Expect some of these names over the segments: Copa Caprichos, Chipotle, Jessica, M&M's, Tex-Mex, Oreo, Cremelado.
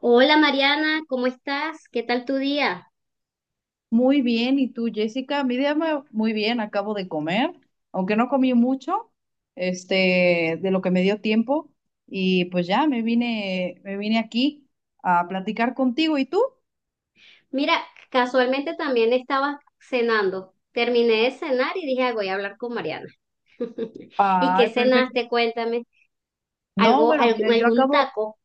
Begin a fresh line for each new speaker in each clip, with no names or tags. Hola, Mariana, ¿cómo estás? ¿Qué tal tu día?
Muy bien, ¿y tú, Jessica? Muy bien, acabo de comer, aunque no comí mucho, de lo que me dio tiempo, y pues ya me vine aquí a platicar contigo, ¿y tú?
Mira, casualmente también estaba cenando. Terminé de cenar y dije, "Ah, voy a hablar con Mariana." ¿Y qué
Ay, perfecto.
cenaste? Cuéntame.
No,
Algo,
bueno, mira, yo
algún
acabo,
taco.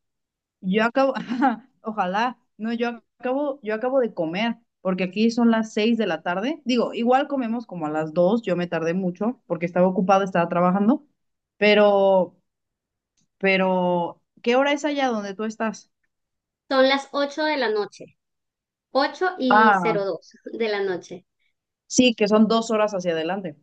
yo acabo, ojalá, no, yo acabo de comer, porque aquí son las 6 de la tarde. Digo, igual comemos como a las 2, yo me tardé mucho porque estaba ocupada, estaba trabajando, pero Pero, ¿qué hora es allá donde tú estás?
Son las 8 de la noche. Ocho y
Ah,
cero dos de la noche.
sí, que son 2 horas hacia adelante.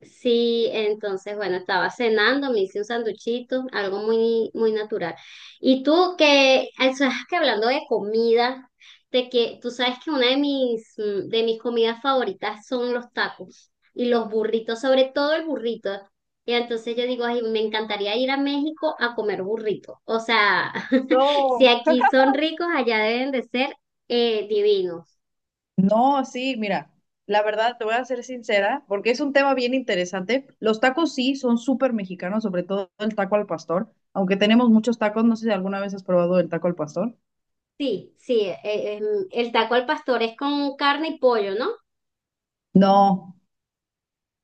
Sí, entonces, bueno, estaba cenando, me hice un sanduchito, algo muy, muy natural. Y tú que, o sea, que hablando de comida, de que tú sabes que una de mis, de mis comidas favoritas son los tacos y los burritos, sobre todo el burrito. Y entonces yo digo, ay, me encantaría ir a México a comer burrito. O sea, si
No.
aquí son ricos, allá deben de ser divinos.
No, sí, mira, la verdad te voy a ser sincera, porque es un tema bien interesante. Los tacos sí son súper mexicanos, sobre todo el taco al pastor, aunque tenemos muchos tacos, no sé si alguna vez has probado el taco al pastor.
Sí, sí, el taco al pastor es con carne y pollo, ¿no?
No,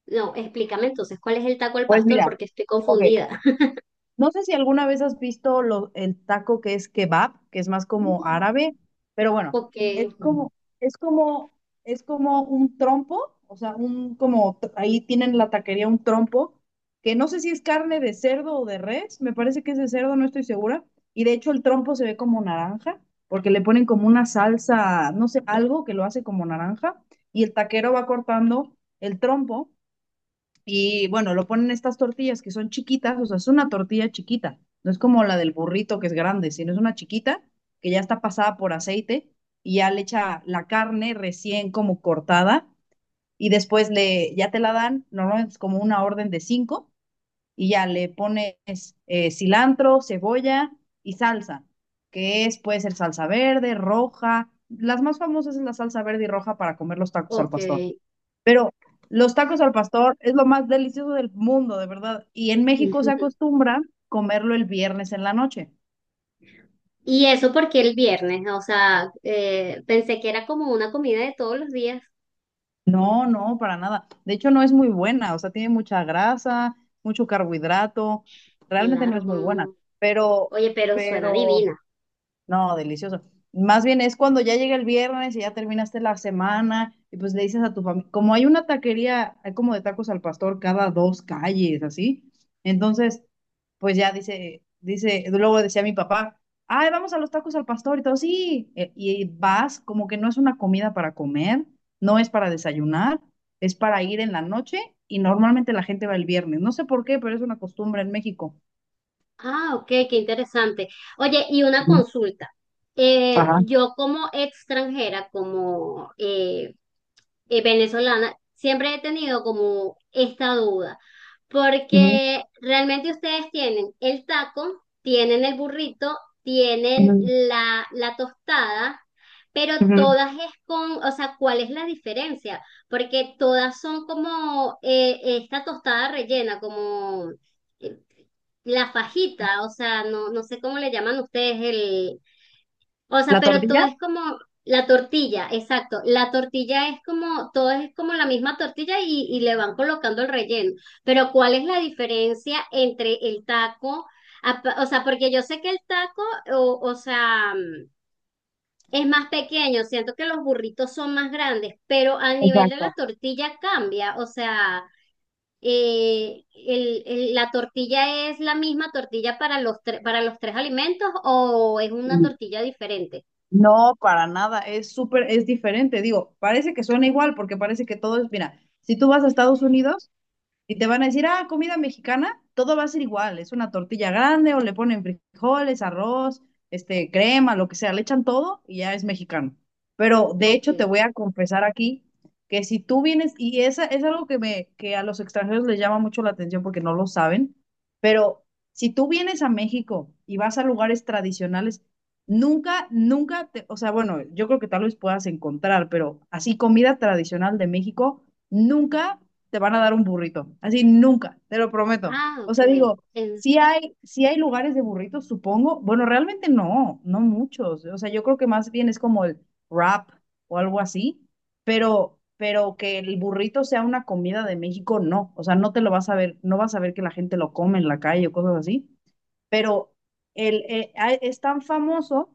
No, explícame entonces, ¿cuál es el taco al
pues
pastor?
mira,
Porque estoy
ok.
confundida.
No sé si alguna vez has visto el taco que es kebab, que es más como árabe, pero bueno,
Ok,
es como, es como, es como un trompo, o sea, ahí tienen la taquería un trompo, que no sé si es carne de cerdo o de res, me parece que es de cerdo, no estoy segura. Y de hecho el trompo se ve como naranja, porque le ponen como una salsa, no sé, algo que lo hace como naranja, y el taquero va cortando el trompo y bueno, lo ponen estas tortillas que son chiquitas, o sea, es una tortilla chiquita, no es como la del burrito que es grande, sino es una chiquita que ya está pasada por aceite y ya le echa la carne recién como cortada y después ya te la dan, normalmente es como una orden de cinco y ya le pones cilantro, cebolla y salsa, que es, puede ser salsa verde, roja, las más famosas es la salsa verde y roja para comer los tacos al
ok.
pastor. Pero los tacos al pastor es lo más delicioso del mundo, de verdad. Y en México se acostumbra comerlo el viernes en la noche.
¿Y eso porque el viernes? O sea, pensé que era como una comida de todos los días.
No, no, para nada. De hecho, no es muy buena, o sea, tiene mucha grasa, mucho carbohidrato. Realmente no
Claro,
es muy buena,
con…
pero,
Oye, pero suena
pero,
divina.
no, delicioso. Más bien es cuando ya llega el viernes y ya terminaste la semana y pues le dices a tu familia, como hay una taquería, hay como de tacos al pastor cada 2 calles, así. Entonces, pues ya dice, luego decía mi papá, ay, vamos a los tacos al pastor y todo, sí, y vas, como que no es una comida para comer, no es para desayunar, es para ir en la noche y normalmente la gente va el viernes, no sé por qué, pero es una costumbre en México.
Ah, ok, qué interesante. Oye, y una
Ujú.
consulta.
Ajá.
Yo como extranjera, como venezolana, siempre he tenido como esta duda,
Ujú.
porque realmente ustedes tienen el taco, tienen el burrito, tienen
Ujú.
la tostada, pero
Ujú.
todas es con, o sea, ¿cuál es la diferencia? Porque todas son como esta tostada rellena, como eh, la fajita, o sea, no, no sé cómo le llaman ustedes el, o sea,
La
pero todo
tortilla.
es como la tortilla, exacto. La tortilla es como, todo es como la misma tortilla y le van colocando el relleno. Pero ¿cuál es la diferencia entre el taco? O sea, porque yo sé que el taco, o sea, es más pequeño, siento que los burritos son más grandes, pero al nivel de la
Exacto.
tortilla cambia. O sea, la tortilla es la misma tortilla para los, para los tres alimentos, o es una
Mm,
tortilla diferente.
no, para nada, es súper, es diferente, digo, parece que suena igual porque parece que todo es, mira, si tú vas a Estados Unidos, y te van a decir, ah, comida mexicana, todo va a ser igual, es una tortilla grande o le ponen frijoles, arroz, crema, lo que sea, le echan todo y ya es mexicano. Pero de hecho te
Ok.
voy a confesar aquí que si tú vienes, y esa es algo que a los extranjeros les llama mucho la atención porque no lo saben, pero si tú vienes a México y vas a lugares tradicionales, nunca, nunca te, o sea, bueno, yo creo que tal vez puedas encontrar, pero así comida tradicional de México, nunca te van a dar un burrito. Así nunca, te lo prometo.
Ah,
O
ok.
sea, digo,
En,
sí hay lugares de burritos, supongo. Bueno, realmente no, no muchos. O sea, yo creo que más bien es como el wrap o algo así, pero que el burrito sea una comida de México, no. O sea, no te lo vas a ver, no vas a ver que la gente lo come en la calle o cosas así. Pero es tan famoso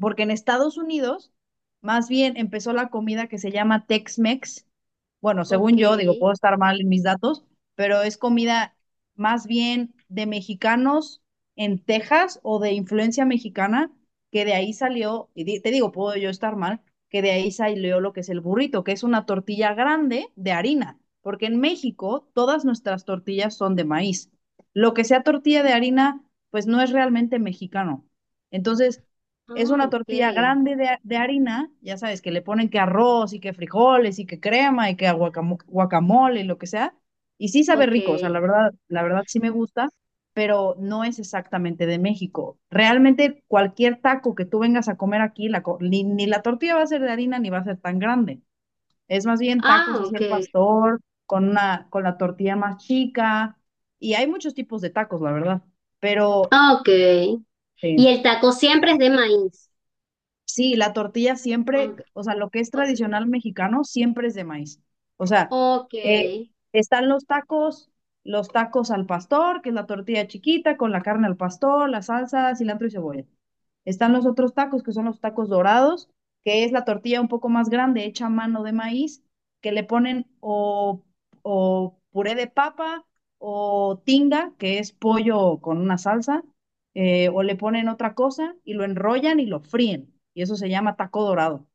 porque en Estados Unidos más bien empezó la comida que se llama Tex-Mex. Bueno,
ok.
según yo, digo, puedo estar mal en mis datos, pero es comida más bien de mexicanos en Texas o de influencia mexicana, que de ahí salió, y te digo, puedo yo estar mal, que de ahí salió lo que es el burrito, que es una tortilla grande de harina, porque en México todas nuestras tortillas son de maíz. Lo que sea tortilla de harina, pues no es realmente mexicano. Entonces, es
Ah,
una
ok.
tortilla grande de harina, ya sabes, que le ponen que arroz y que frijoles y que crema y que guacamole y lo que sea. Y sí sabe
Ok.
rico, o sea, la verdad, sí me gusta, pero no es exactamente de México. Realmente cualquier taco que tú vengas a comer aquí, ni la tortilla va a ser de harina ni va a ser tan grande. Es más bien
Ah,
tacos así
ok.
al pastor, con la tortilla más chica. Y hay muchos tipos de tacos, la verdad. Pero
Ah, ok. Y
sí.
el taco siempre es de maíz.
Sí, la tortilla
Ok.
siempre, o sea, lo que es
Ok.
tradicional mexicano siempre es de maíz. O sea,
Ok.
eh, están los tacos al pastor, que es la tortilla chiquita con la carne al pastor, la salsa, cilantro y cebolla. Están los otros tacos, que son los tacos dorados, que es la tortilla un poco más grande, hecha a mano de maíz, que le ponen o puré de papa o tinga, que es pollo con una salsa, o le ponen otra cosa y lo enrollan y lo fríen. Y eso se llama taco dorado.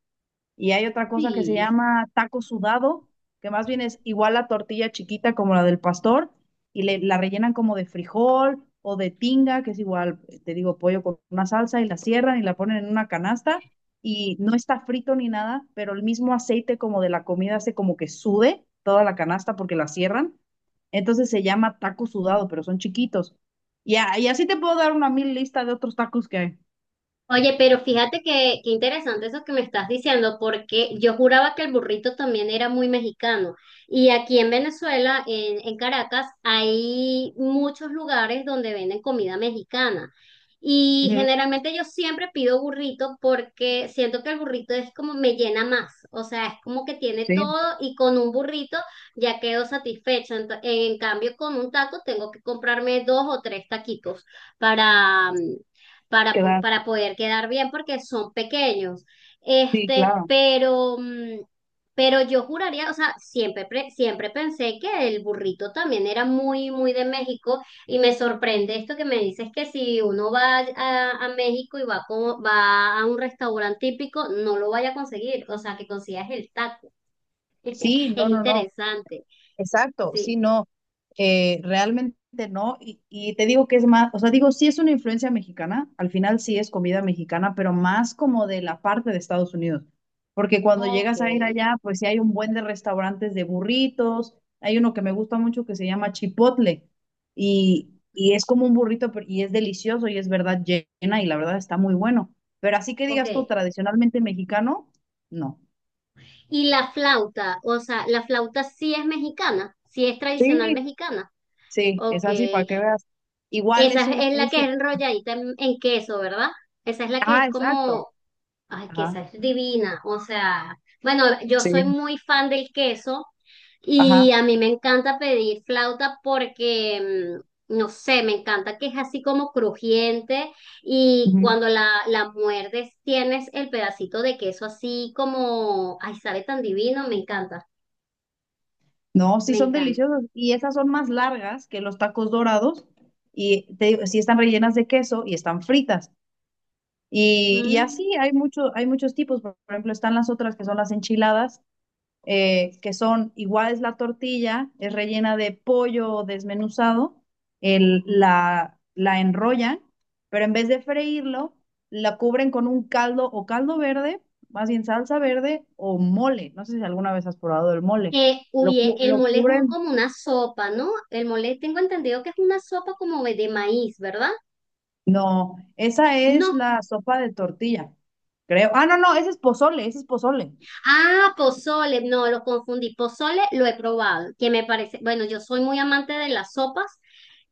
Y hay otra cosa que se
Sí.
llama taco sudado, que más bien es igual la tortilla chiquita como la del pastor, y la rellenan como de frijol o de tinga, que es igual, te digo, pollo con una salsa, y la cierran y la ponen en una canasta, y no está frito ni nada, pero el mismo aceite como de la comida hace como que sude toda la canasta porque la cierran. Entonces se llama taco sudado, pero son chiquitos. Y así te puedo dar una mil lista de otros tacos que hay.
Oye, pero fíjate que, qué interesante eso que me estás diciendo, porque yo juraba que el burrito también era muy mexicano. Y aquí en Venezuela, en Caracas, hay muchos lugares donde venden comida mexicana. Y
Ujú.
generalmente yo siempre pido burrito porque siento que el burrito es como me llena más. O sea, es como que tiene
Sí,
todo y con un burrito ya quedo satisfecha. En cambio, con un taco tengo que comprarme 2 o 3 taquitos para, para,
queda,
para poder quedar bien porque son pequeños.
sí,
Este,
claro.
pero, pero yo juraría, o sea, siempre, siempre pensé que el burrito también era muy, muy de México, y me sorprende esto que me dices, que si uno va a México y va, como, va a un restaurante típico, no lo vaya a conseguir, o sea, que consigas el taco.
Sí,
Es
no, no, no.
interesante,
Exacto,
sí.
sí, no, realmente no. Y te digo que es más, o sea, digo, sí es una influencia mexicana, al final sí es comida mexicana, pero más como de la parte de Estados Unidos. Porque cuando
Ok.
llegas a ir allá, pues sí hay un buen de restaurantes de burritos, hay uno que me gusta mucho que se llama Chipotle y es como un burrito y es delicioso y es verdad llena y la verdad está muy bueno. Pero así que
Ok.
digas tú, tradicionalmente mexicano, no.
Y la flauta, o sea, la flauta sí es mexicana, sí es tradicional
Sí,
mexicana.
sí, es
Ok,
así, para que veas. Igual es
esa
un,
es la que es enrolladita en queso, ¿verdad? Esa es la que es
ajá, exacto.
como, ay, que
Ajá,
esa es divina, o sea, bueno, yo
sí,
soy muy fan del queso
ajá.
y a mí me encanta pedir flauta porque, no sé, me encanta que es así como crujiente y
Ujú.
cuando la muerdes tienes el pedacito de queso así como, ay, sabe tan divino, me encanta.
No, sí
Me
son
encanta.
deliciosos. Y esas son más largas que los tacos dorados. Y te digo, sí están rellenas de queso y están fritas. Y así
Mm.
hay muchos tipos. Por ejemplo, están las otras que son las enchiladas, que son igual es la tortilla, es rellena de pollo desmenuzado, la enrollan, pero en vez de freírlo, la cubren con un caldo o caldo verde, más bien salsa verde o mole. No sé si alguna vez has probado el mole. Lo,
Oye,
cu-
el
lo
mole es
cubren.
como una sopa, ¿no? El mole tengo entendido que es una sopa como de maíz, ¿verdad?
No, esa es
No.
la sopa de tortilla, creo. Ah, no, no, ese es pozole, ese es pozole.
Ah, pozole, no, lo confundí. Pozole lo he probado, que me parece, bueno, yo soy muy amante de las sopas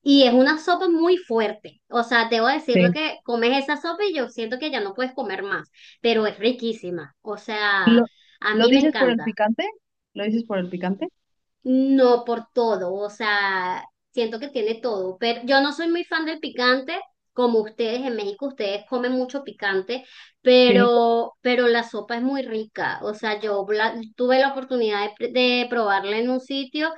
y es una sopa muy fuerte. O sea, debo decirlo
Sí.
que comes esa sopa y yo siento que ya no puedes comer más, pero es riquísima. O sea,
¿Lo,
a
lo
mí me
dices por el
encanta.
picante? ¿Lo dices por el picante?
No, por todo, o sea, siento que tiene todo, pero yo no soy muy fan del picante, como ustedes en México, ustedes comen mucho picante,
Sí.
pero la sopa es muy rica, o sea, tuve la oportunidad de probarla en un sitio,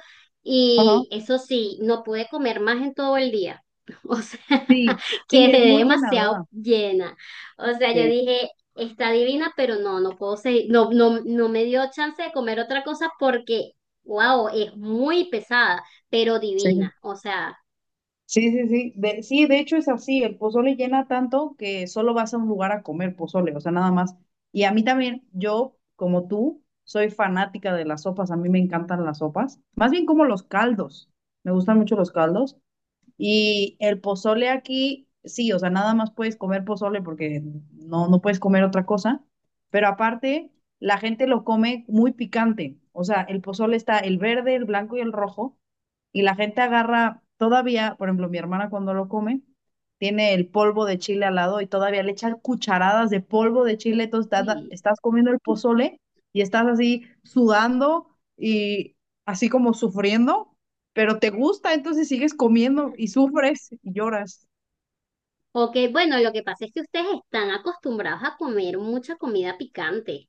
Ajá.
y eso sí, no pude comer más en todo el día, o sea,
Sí, sí,
quedé
es muy llenadora.
demasiado llena, o sea, yo
Sí,
dije… Está divina, pero no, no puedo seguir, no, no, no me dio chance de comer otra cosa porque… Wow, es muy pesada, pero
sí.
divina. O sea,
Sí, sí, sí. De, sí, de hecho es así, el pozole llena tanto que solo vas a un lugar a comer pozole, o sea, nada más. Y a mí también, yo, como tú, soy fanática de las sopas, a mí me encantan las sopas. Más bien como los caldos, me gustan mucho los caldos. Y el pozole aquí, sí, o sea, nada más puedes comer pozole porque no, no puedes comer otra cosa, pero aparte, la gente lo come muy picante. O sea, el pozole está el verde, el blanco y el rojo, y la gente agarra todavía, por ejemplo, mi hermana cuando lo come, tiene el polvo de chile al lado y todavía le echa cucharadas de polvo de chile, entonces estás,
uy.
estás comiendo el pozole y estás así sudando y así como sufriendo pero te gusta, entonces sigues comiendo y sufres y lloras.
Ok, bueno, lo que pasa es que ustedes están acostumbrados a comer mucha comida picante.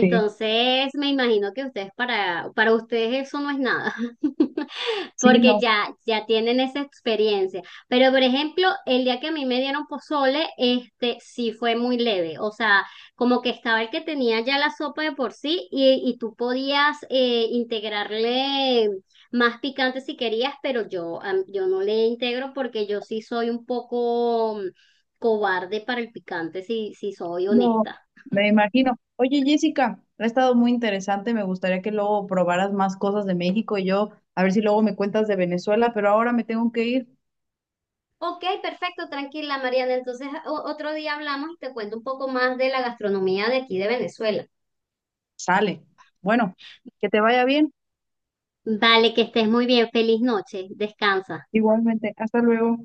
Sí,
me imagino que ustedes para ustedes eso no es nada,
sí,
porque
no,
ya, ya tienen esa experiencia. Pero, por ejemplo, el día que a mí me dieron pozole, este sí fue muy leve. O sea, como que estaba el que tenía ya la sopa de por sí y tú podías integrarle más picante si querías, pero yo, yo no le integro porque yo sí soy un poco cobarde para el picante, si, si soy
no,
honesta.
me imagino. Oye, Jessica, ha estado muy interesante, me gustaría que luego probaras más cosas de México y yo, a ver si luego me cuentas de Venezuela, pero ahora me tengo que ir.
Ok, perfecto, tranquila, Mariana. Entonces otro día hablamos y te cuento un poco más de la gastronomía de aquí de Venezuela.
Sale. Bueno, que te vaya bien.
Vale, que estés muy bien. Feliz noche. Descansa.
Igualmente, hasta luego.